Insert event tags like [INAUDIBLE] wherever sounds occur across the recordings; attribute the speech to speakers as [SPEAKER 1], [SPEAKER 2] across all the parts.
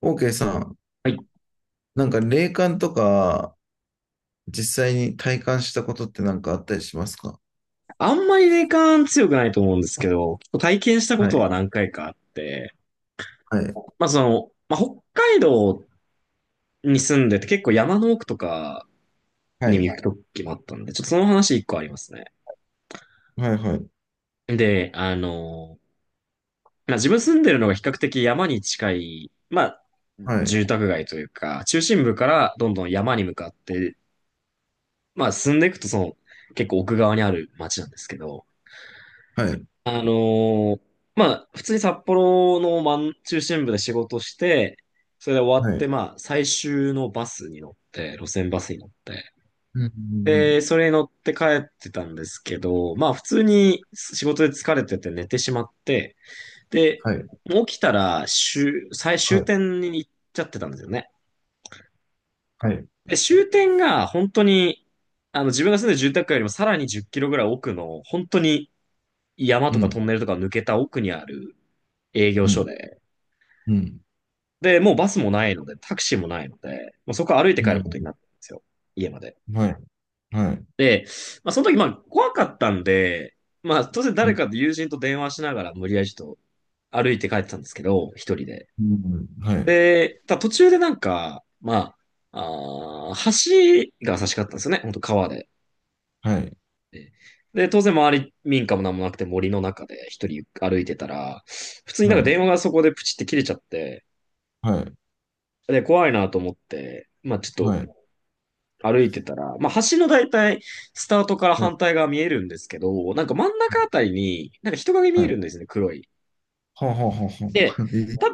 [SPEAKER 1] OK さん、
[SPEAKER 2] はい。
[SPEAKER 1] なんか霊感とか実際に体感したことってなんかあったりしますか？
[SPEAKER 2] あんまり霊感強くないと思うんですけど、結構体験したこ
[SPEAKER 1] は
[SPEAKER 2] と
[SPEAKER 1] い。
[SPEAKER 2] は何回かあって、
[SPEAKER 1] はい。
[SPEAKER 2] 北海道に住んでて結構山の奥とか
[SPEAKER 1] は
[SPEAKER 2] に
[SPEAKER 1] い。
[SPEAKER 2] 行く時もあったんで、ちょっとその話一個ありますね。
[SPEAKER 1] はい。
[SPEAKER 2] で、まあ自分住んでるのが比較的山に近い、まあ
[SPEAKER 1] はい。
[SPEAKER 2] 住宅街というか、中心部からどんどん山に向かって、まあ進んでいくとその結構奥側にある街なんですけど、
[SPEAKER 1] はい。はい。
[SPEAKER 2] あのーまあ、普通に札幌の真ん中心部で仕事して、それで終わっ
[SPEAKER 1] は
[SPEAKER 2] て、
[SPEAKER 1] い。
[SPEAKER 2] まあ、最終のバスに乗って、路線バスに乗って、
[SPEAKER 1] うん。うんうん
[SPEAKER 2] で、それに乗って帰ってたんですけど、まあ、普通に仕事で疲れてて寝てしまって、で、
[SPEAKER 1] はい。
[SPEAKER 2] もう起きたら最
[SPEAKER 1] は
[SPEAKER 2] 終
[SPEAKER 1] い。
[SPEAKER 2] 点に行っちゃってたんですよね。
[SPEAKER 1] はい。
[SPEAKER 2] で、終点が本当に、自分が住んでる住宅街よりもさらに10キロぐらい奥の、本当に山
[SPEAKER 1] う
[SPEAKER 2] とかトン
[SPEAKER 1] ん。
[SPEAKER 2] ネルとか抜けた奥にある営業
[SPEAKER 1] う
[SPEAKER 2] 所
[SPEAKER 1] ん。
[SPEAKER 2] で、
[SPEAKER 1] うん。
[SPEAKER 2] で、もうバスもないので、タクシーもないので、もうそこは歩いて
[SPEAKER 1] う
[SPEAKER 2] 帰ることにな
[SPEAKER 1] ん。
[SPEAKER 2] ったんですよ。家まで。
[SPEAKER 1] はい。はい。
[SPEAKER 2] で、まあ、その時、まあ、怖かったんで、まあ、当然
[SPEAKER 1] う
[SPEAKER 2] 誰
[SPEAKER 1] ん。
[SPEAKER 2] かと友人と電話しながら、無理やりちょっと歩いて帰ってたんですけど、一人で。
[SPEAKER 1] うんはい。
[SPEAKER 2] で、ただ途中でなんか、橋が差し掛かったんですよね。本当川で。
[SPEAKER 1] はい。
[SPEAKER 2] でで、当然周り民家も何もなくて森の中で一人歩いてたら、普通に
[SPEAKER 1] は
[SPEAKER 2] なんか
[SPEAKER 1] い。
[SPEAKER 2] 電話がそこでプチって切れちゃって、
[SPEAKER 1] はい。
[SPEAKER 2] で、怖いなと思って、まあちょっ
[SPEAKER 1] はい。
[SPEAKER 2] と歩いてたら、まあ、橋の大体、スタートから
[SPEAKER 1] はい。
[SPEAKER 2] 反対側見えるんですけど、なんか真ん中あたりに、なんか人影見
[SPEAKER 1] は
[SPEAKER 2] え
[SPEAKER 1] い。
[SPEAKER 2] るんですね、黒い。
[SPEAKER 1] ほうほうほうほ
[SPEAKER 2] で、
[SPEAKER 1] う。
[SPEAKER 2] た、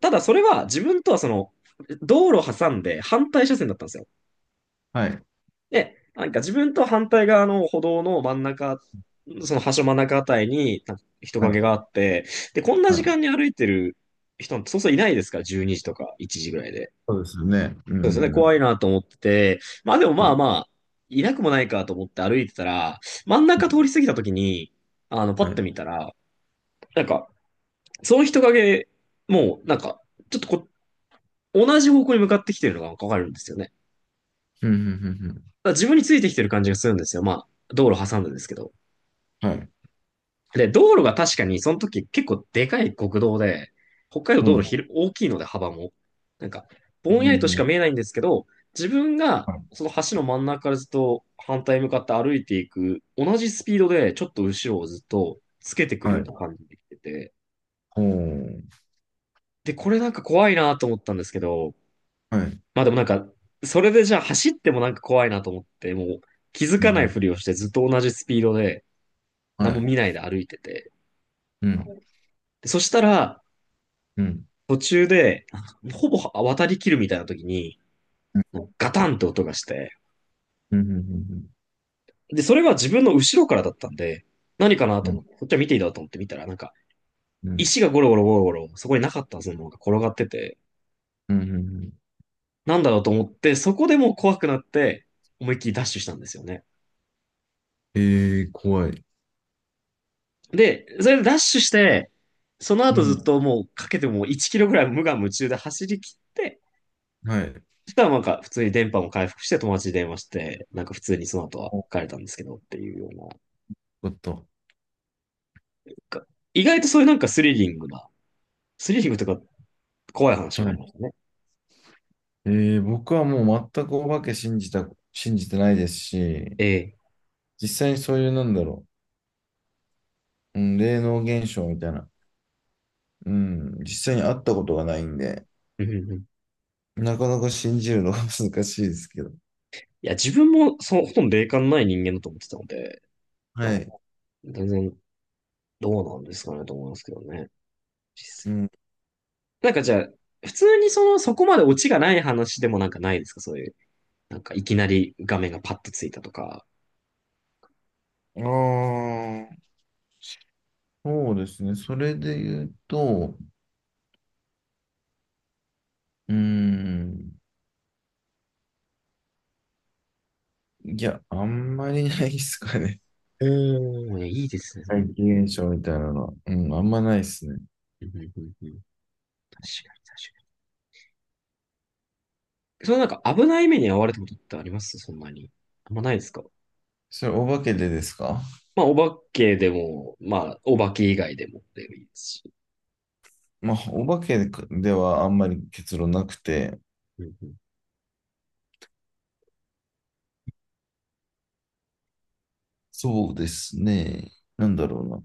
[SPEAKER 2] ただそれは自分とはその、道路挟んで反対車線だったんですよ。
[SPEAKER 1] はい。
[SPEAKER 2] で、なんか自分と反対側の歩道の真ん中、その橋真ん中あたりになんか人
[SPEAKER 1] は
[SPEAKER 2] 影
[SPEAKER 1] い。
[SPEAKER 2] があって、で、こんな
[SPEAKER 1] は
[SPEAKER 2] 時
[SPEAKER 1] い。
[SPEAKER 2] 間に歩いてる人、そうそういないですから、12時とか1時ぐらいで。
[SPEAKER 1] そうですよね。う
[SPEAKER 2] そうですね、怖い
[SPEAKER 1] ん。
[SPEAKER 2] なと思ってて、まあでも
[SPEAKER 1] は
[SPEAKER 2] まあ
[SPEAKER 1] い
[SPEAKER 2] まあ、いなくもないかと思って歩いてたら、真ん
[SPEAKER 1] う
[SPEAKER 2] 中通
[SPEAKER 1] ん
[SPEAKER 2] り過ぎた時に、パ
[SPEAKER 1] はい。
[SPEAKER 2] ッ
[SPEAKER 1] は
[SPEAKER 2] と
[SPEAKER 1] い。
[SPEAKER 2] 見たら、なんか、その人影、もう、なんか、ちょっとこ、同じ方向に向かってきてるのがわかるんですよね。だか
[SPEAKER 1] うん。うん。
[SPEAKER 2] ら自分についてきてる感じがするんですよ。まあ、道路挟んでですけど。
[SPEAKER 1] うんうんはい。
[SPEAKER 2] で、道路が確かにその時結構でかい国道で、北海道道路ひる大きいので幅も、なんか、
[SPEAKER 1] う
[SPEAKER 2] ぼんやりと
[SPEAKER 1] ん。う
[SPEAKER 2] しか
[SPEAKER 1] ん
[SPEAKER 2] 見えないんですけど、自分がその橋の真ん中からずっと反対に向かって歩いていく、同じスピードでちょっと後ろをずっとつけてくる
[SPEAKER 1] は
[SPEAKER 2] よう
[SPEAKER 1] い。
[SPEAKER 2] な感じで来てて、
[SPEAKER 1] おー。
[SPEAKER 2] で、これなんか怖いなと思ったんですけど、
[SPEAKER 1] はい。
[SPEAKER 2] まあでもなんか、それでじゃあ走ってもなんか怖いなと思って、もう気づ
[SPEAKER 1] う
[SPEAKER 2] かないふ
[SPEAKER 1] ん、
[SPEAKER 2] りをしてずっと同じスピードで
[SPEAKER 1] うん。
[SPEAKER 2] 何
[SPEAKER 1] は
[SPEAKER 2] も見
[SPEAKER 1] い。
[SPEAKER 2] ないで歩いてて、
[SPEAKER 1] うん。
[SPEAKER 2] でそしたら、
[SPEAKER 1] うん。
[SPEAKER 2] 途中で、ほぼ渡り切るみたいな時に、ガタンって音がして、
[SPEAKER 1] うん。うん。
[SPEAKER 2] で、それは自分の後ろからだったんで、何かな
[SPEAKER 1] う
[SPEAKER 2] と思
[SPEAKER 1] ん。
[SPEAKER 2] って、こっちは見ていいだろうと思って見たら、
[SPEAKER 1] うん。うん。
[SPEAKER 2] 石がゴロゴロゴロゴロ、そこになかったはずのものが転がってて、
[SPEAKER 1] うんうん
[SPEAKER 2] なんだろうと思って、そこでもう怖くなって、思いっきりダッシュしたんですよね。
[SPEAKER 1] え怖い。
[SPEAKER 2] で、それでダッシュして、その
[SPEAKER 1] う
[SPEAKER 2] 後ずっ
[SPEAKER 1] ん。
[SPEAKER 2] ともうかけても1キロぐらい無我夢中で走り切って、
[SPEAKER 1] はい。
[SPEAKER 2] そしたらなんか普通に電波も回復して友達に電話して、なんか普通にその後は
[SPEAKER 1] お、よ
[SPEAKER 2] 帰れたんですけどっていうような
[SPEAKER 1] かった。
[SPEAKER 2] か、意外とそういうなんかスリリングな、スリリングとか怖い話
[SPEAKER 1] は
[SPEAKER 2] があ
[SPEAKER 1] い。
[SPEAKER 2] りましたね。
[SPEAKER 1] え僕はもう全くお化け信じてないですし、
[SPEAKER 2] ええ。
[SPEAKER 1] 実際にそういう、なんだろう、うん、霊能現象みたいな、うん、実際に会ったことがないんで、
[SPEAKER 2] うんうんうん。
[SPEAKER 1] なかなか信じるのが [LAUGHS] 難しいですけど。
[SPEAKER 2] いや、自分もそうほとんど霊感のない人間だと思ってたので、まあ、
[SPEAKER 1] はい。
[SPEAKER 2] 全然どうなんですかねと思いますけどね。実
[SPEAKER 1] う
[SPEAKER 2] 際
[SPEAKER 1] ん。
[SPEAKER 2] なんかじゃあ、普通にその、そこまでオチがない話でもなんかないですかそういう、なんかいきなり画面がパッとついたとか。
[SPEAKER 1] ああ、そうですね。それで言うと、うーん。いや、あんまりないですかね。
[SPEAKER 2] おー、いやいいですね。
[SPEAKER 1] [LAUGHS]
[SPEAKER 2] その、
[SPEAKER 1] 怪奇現象みたいなのは。うん、あんまないですね。
[SPEAKER 2] うんうんうんうん、確かに確かに。そのなんか危ない目に遭われたことってありますそんなに。あんまないですか。
[SPEAKER 1] それ、お化けでですか？
[SPEAKER 2] まあ、お化けでも、まあ、お化け以外でもでもいいですし。
[SPEAKER 1] まあ、お化けではあんまり結論なくて、
[SPEAKER 2] うんうん。
[SPEAKER 1] そうですね。なんだろうな。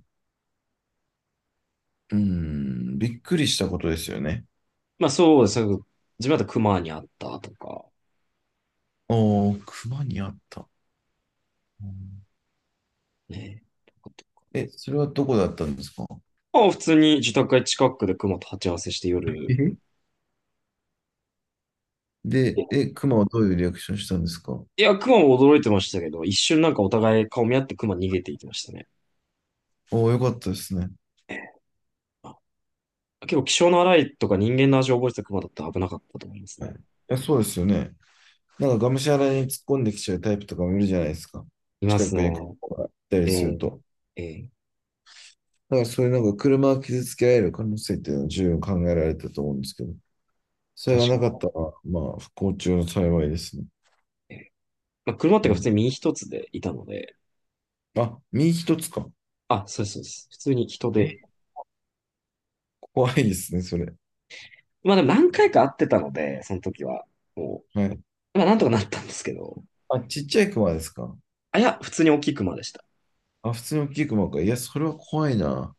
[SPEAKER 1] びっくりしたことですよね。
[SPEAKER 2] まあ、そうです。自分だと熊に会ったとか、
[SPEAKER 1] おー、熊にあった。うん、
[SPEAKER 2] ね。
[SPEAKER 1] え、それはどこだったんですか？
[SPEAKER 2] まあ、普通に自宅街近くで熊と鉢合わせして夜。
[SPEAKER 1] え、で、え、熊はどういうリアクションしたんですか？
[SPEAKER 2] いや、熊も驚いてましたけど、一瞬なんかお互い顔見合って熊逃げていきましたね。
[SPEAKER 1] おー、よかったですね。い
[SPEAKER 2] あ、結構気性の荒いとか人間の味を覚えてた熊だったら危なかったと思いますね。
[SPEAKER 1] や、そうですよね。なんかがむしゃらに突っ込んできちゃうタイプとかもいるじゃないですか。
[SPEAKER 2] いま
[SPEAKER 1] 近
[SPEAKER 2] すね。
[SPEAKER 1] くにこう行ったりする
[SPEAKER 2] え
[SPEAKER 1] と。
[SPEAKER 2] えええ。
[SPEAKER 1] なんかそういうなんか車を傷つけられる可能性っていうのは十分考えられたと思うんですけど、それ
[SPEAKER 2] 確
[SPEAKER 1] が
[SPEAKER 2] か
[SPEAKER 1] なかった
[SPEAKER 2] に。
[SPEAKER 1] ら、まあ不幸中の幸いですね。
[SPEAKER 2] ええ、まあ、車って
[SPEAKER 1] う
[SPEAKER 2] いうか普
[SPEAKER 1] ん。
[SPEAKER 2] 通に身一つでいたので、
[SPEAKER 1] あ、身一つか。
[SPEAKER 2] あ、そうです、そうです。普通に人で、
[SPEAKER 1] え、怖いですね、それ。
[SPEAKER 2] まあでも何回か会ってたので、その時は。も
[SPEAKER 1] はい。
[SPEAKER 2] まあなんとかなったんですけど。
[SPEAKER 1] あ、ちっちゃい熊ですか。
[SPEAKER 2] あ、いや、普通に大きい熊でした。
[SPEAKER 1] あ、普通の大きい熊か。いや、それは怖いな。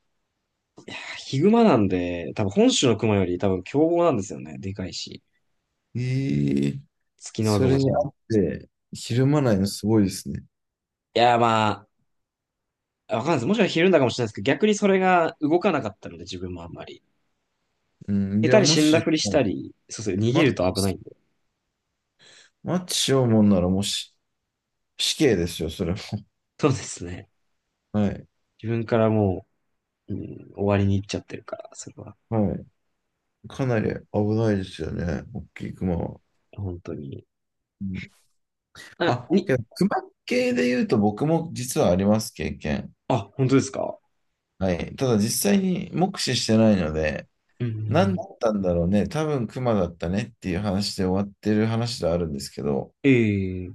[SPEAKER 2] ヒグマなんで、多分本州の熊より多分凶暴なんですよね。でかいし。
[SPEAKER 1] ええ、
[SPEAKER 2] ツキノワ
[SPEAKER 1] そ
[SPEAKER 2] グマ
[SPEAKER 1] れ
[SPEAKER 2] じゃ
[SPEAKER 1] にあ
[SPEAKER 2] なく
[SPEAKER 1] って、ひ
[SPEAKER 2] て。
[SPEAKER 1] るまないのすごいですね。
[SPEAKER 2] いや、まあ、わかんないです。もしかしたらひるんだかもしれないですけど、逆にそれが動かなかったので、自分もあんまり。
[SPEAKER 1] うん。
[SPEAKER 2] 下
[SPEAKER 1] い
[SPEAKER 2] 手
[SPEAKER 1] や、
[SPEAKER 2] に
[SPEAKER 1] も
[SPEAKER 2] 死んだ
[SPEAKER 1] し、
[SPEAKER 2] ふりしたり、そうそう、逃
[SPEAKER 1] マ
[SPEAKER 2] げ
[SPEAKER 1] ッ
[SPEAKER 2] ると危ない
[SPEAKER 1] チ、
[SPEAKER 2] んで。
[SPEAKER 1] マッチしようもんなら、もし、死刑ですよ、それも。
[SPEAKER 2] そうですね。
[SPEAKER 1] はい。
[SPEAKER 2] 自分からも、終わりに行っちゃってるから、それは。
[SPEAKER 1] はい。かなり危ないですよね、大きいクマは。
[SPEAKER 2] 本当に。
[SPEAKER 1] うん、
[SPEAKER 2] あ、
[SPEAKER 1] あ、
[SPEAKER 2] に、
[SPEAKER 1] けど、クマ系で言うと僕も実はあります、経験。
[SPEAKER 2] あ、本当ですか。
[SPEAKER 1] はい。ただ実際に目視してないので、
[SPEAKER 2] うん。
[SPEAKER 1] 何だったんだろうね、多分クマだったねっていう話で終わってる話ではあるんですけど、
[SPEAKER 2] ええ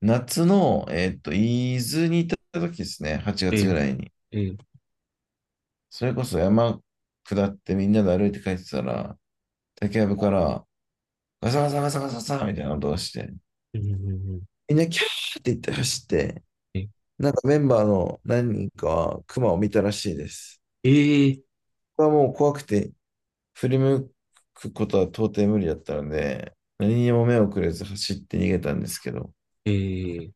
[SPEAKER 1] 夏の、伊豆に行った時ですね、8月ぐ
[SPEAKER 2] え
[SPEAKER 1] らいに。
[SPEAKER 2] えええ
[SPEAKER 1] それこそ山下ってみんなで歩いて帰ってたら、竹やぶからガサガサガサガサガサみたいな音がして、
[SPEAKER 2] うんうんうん
[SPEAKER 1] みんなキャーって言って走って、
[SPEAKER 2] え、
[SPEAKER 1] なんかメンバーの何人かはクマを見たらしいです。
[SPEAKER 2] ええ
[SPEAKER 1] これはもう怖くて振り向くことは到底無理だったので、何にも目をくれず走って逃げたんですけど、
[SPEAKER 2] えー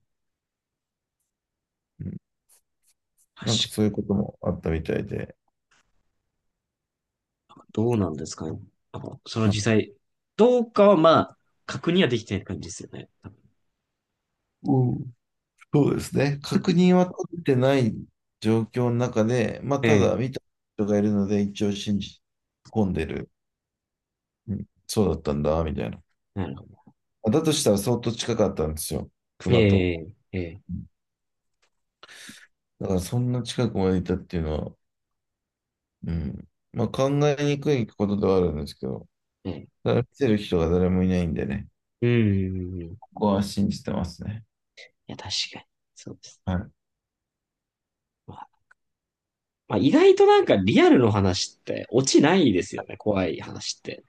[SPEAKER 1] うん、なんか
[SPEAKER 2] 確か、
[SPEAKER 1] そういうこともあったみたいで、
[SPEAKER 2] どうなんですかね。あの、その
[SPEAKER 1] はい、
[SPEAKER 2] 実際、どうかはまあ、確認はできてない感じですよね。多分。
[SPEAKER 1] うん、そうですね。確認は取ってない状況の中で、まあた
[SPEAKER 2] え
[SPEAKER 1] だ
[SPEAKER 2] え。
[SPEAKER 1] 見た人がいるので一応信じ込んでる。うん、そうだったんだ、みたいな。
[SPEAKER 2] なるほど。
[SPEAKER 1] だとしたら相当近かったんですよ、クマと。
[SPEAKER 2] ええええ
[SPEAKER 1] だからそんな近くまでいたっていうのは、うん。まあ考えにくいことではあるんですけど、
[SPEAKER 2] ええ
[SPEAKER 1] ただ見てる人が誰もいないんでね、
[SPEAKER 2] うんうんうんうん。い
[SPEAKER 1] ここは信じてますね。
[SPEAKER 2] や、確かに。そうです。
[SPEAKER 1] はい。
[SPEAKER 2] まあ、まあ、意外となんかリアルの話って落ちないですよね。怖い話って。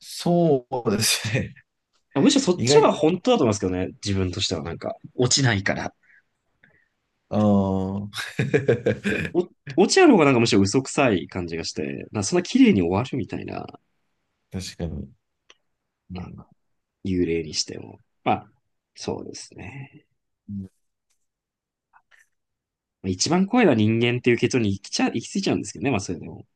[SPEAKER 1] そうですね。
[SPEAKER 2] むしろそ
[SPEAKER 1] [LAUGHS]
[SPEAKER 2] っ
[SPEAKER 1] 意
[SPEAKER 2] ちの方
[SPEAKER 1] 外
[SPEAKER 2] が
[SPEAKER 1] と、
[SPEAKER 2] 本当だと思いますけどね。自分としてはなんか、落ちないから。
[SPEAKER 1] ああ、
[SPEAKER 2] お、落ちある方がなんかむしろ嘘くさい感じがして、なんかそんな綺麗に終わるみたいな。
[SPEAKER 1] [LAUGHS] 確かに。うん、
[SPEAKER 2] 幽霊にしても。まあ、そうですね。一番怖いのは人間っていう結論に行き着いちゃうんですけどね、まあそれでも。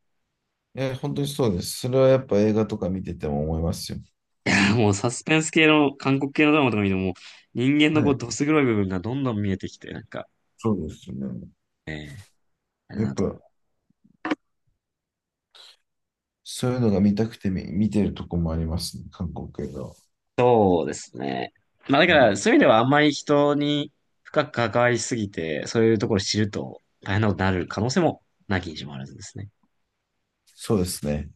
[SPEAKER 1] え、本当にそうです。それはやっぱ映画とか見てても思いますよ。
[SPEAKER 2] [LAUGHS] もうサスペンス系の、韓国系のドラマとか見ても、もう人間の
[SPEAKER 1] は
[SPEAKER 2] こう、
[SPEAKER 1] い。
[SPEAKER 2] どす黒い部分がどんどん見えてきて、なんか、
[SPEAKER 1] そうですよね。
[SPEAKER 2] ええ、あれ
[SPEAKER 1] や
[SPEAKER 2] だ
[SPEAKER 1] っ
[SPEAKER 2] なと思
[SPEAKER 1] ぱ、
[SPEAKER 2] う。
[SPEAKER 1] そういうのが見たくて見、見てるとこもありますね。韓国映画は。
[SPEAKER 2] そうですね。まあだ
[SPEAKER 1] う
[SPEAKER 2] から、
[SPEAKER 1] ん、
[SPEAKER 2] そういう意味ではあんまり人に深く関わりすぎて、そういうところを知ると大変なことになる可能性もなきにしもあらずですね。
[SPEAKER 1] そうですね。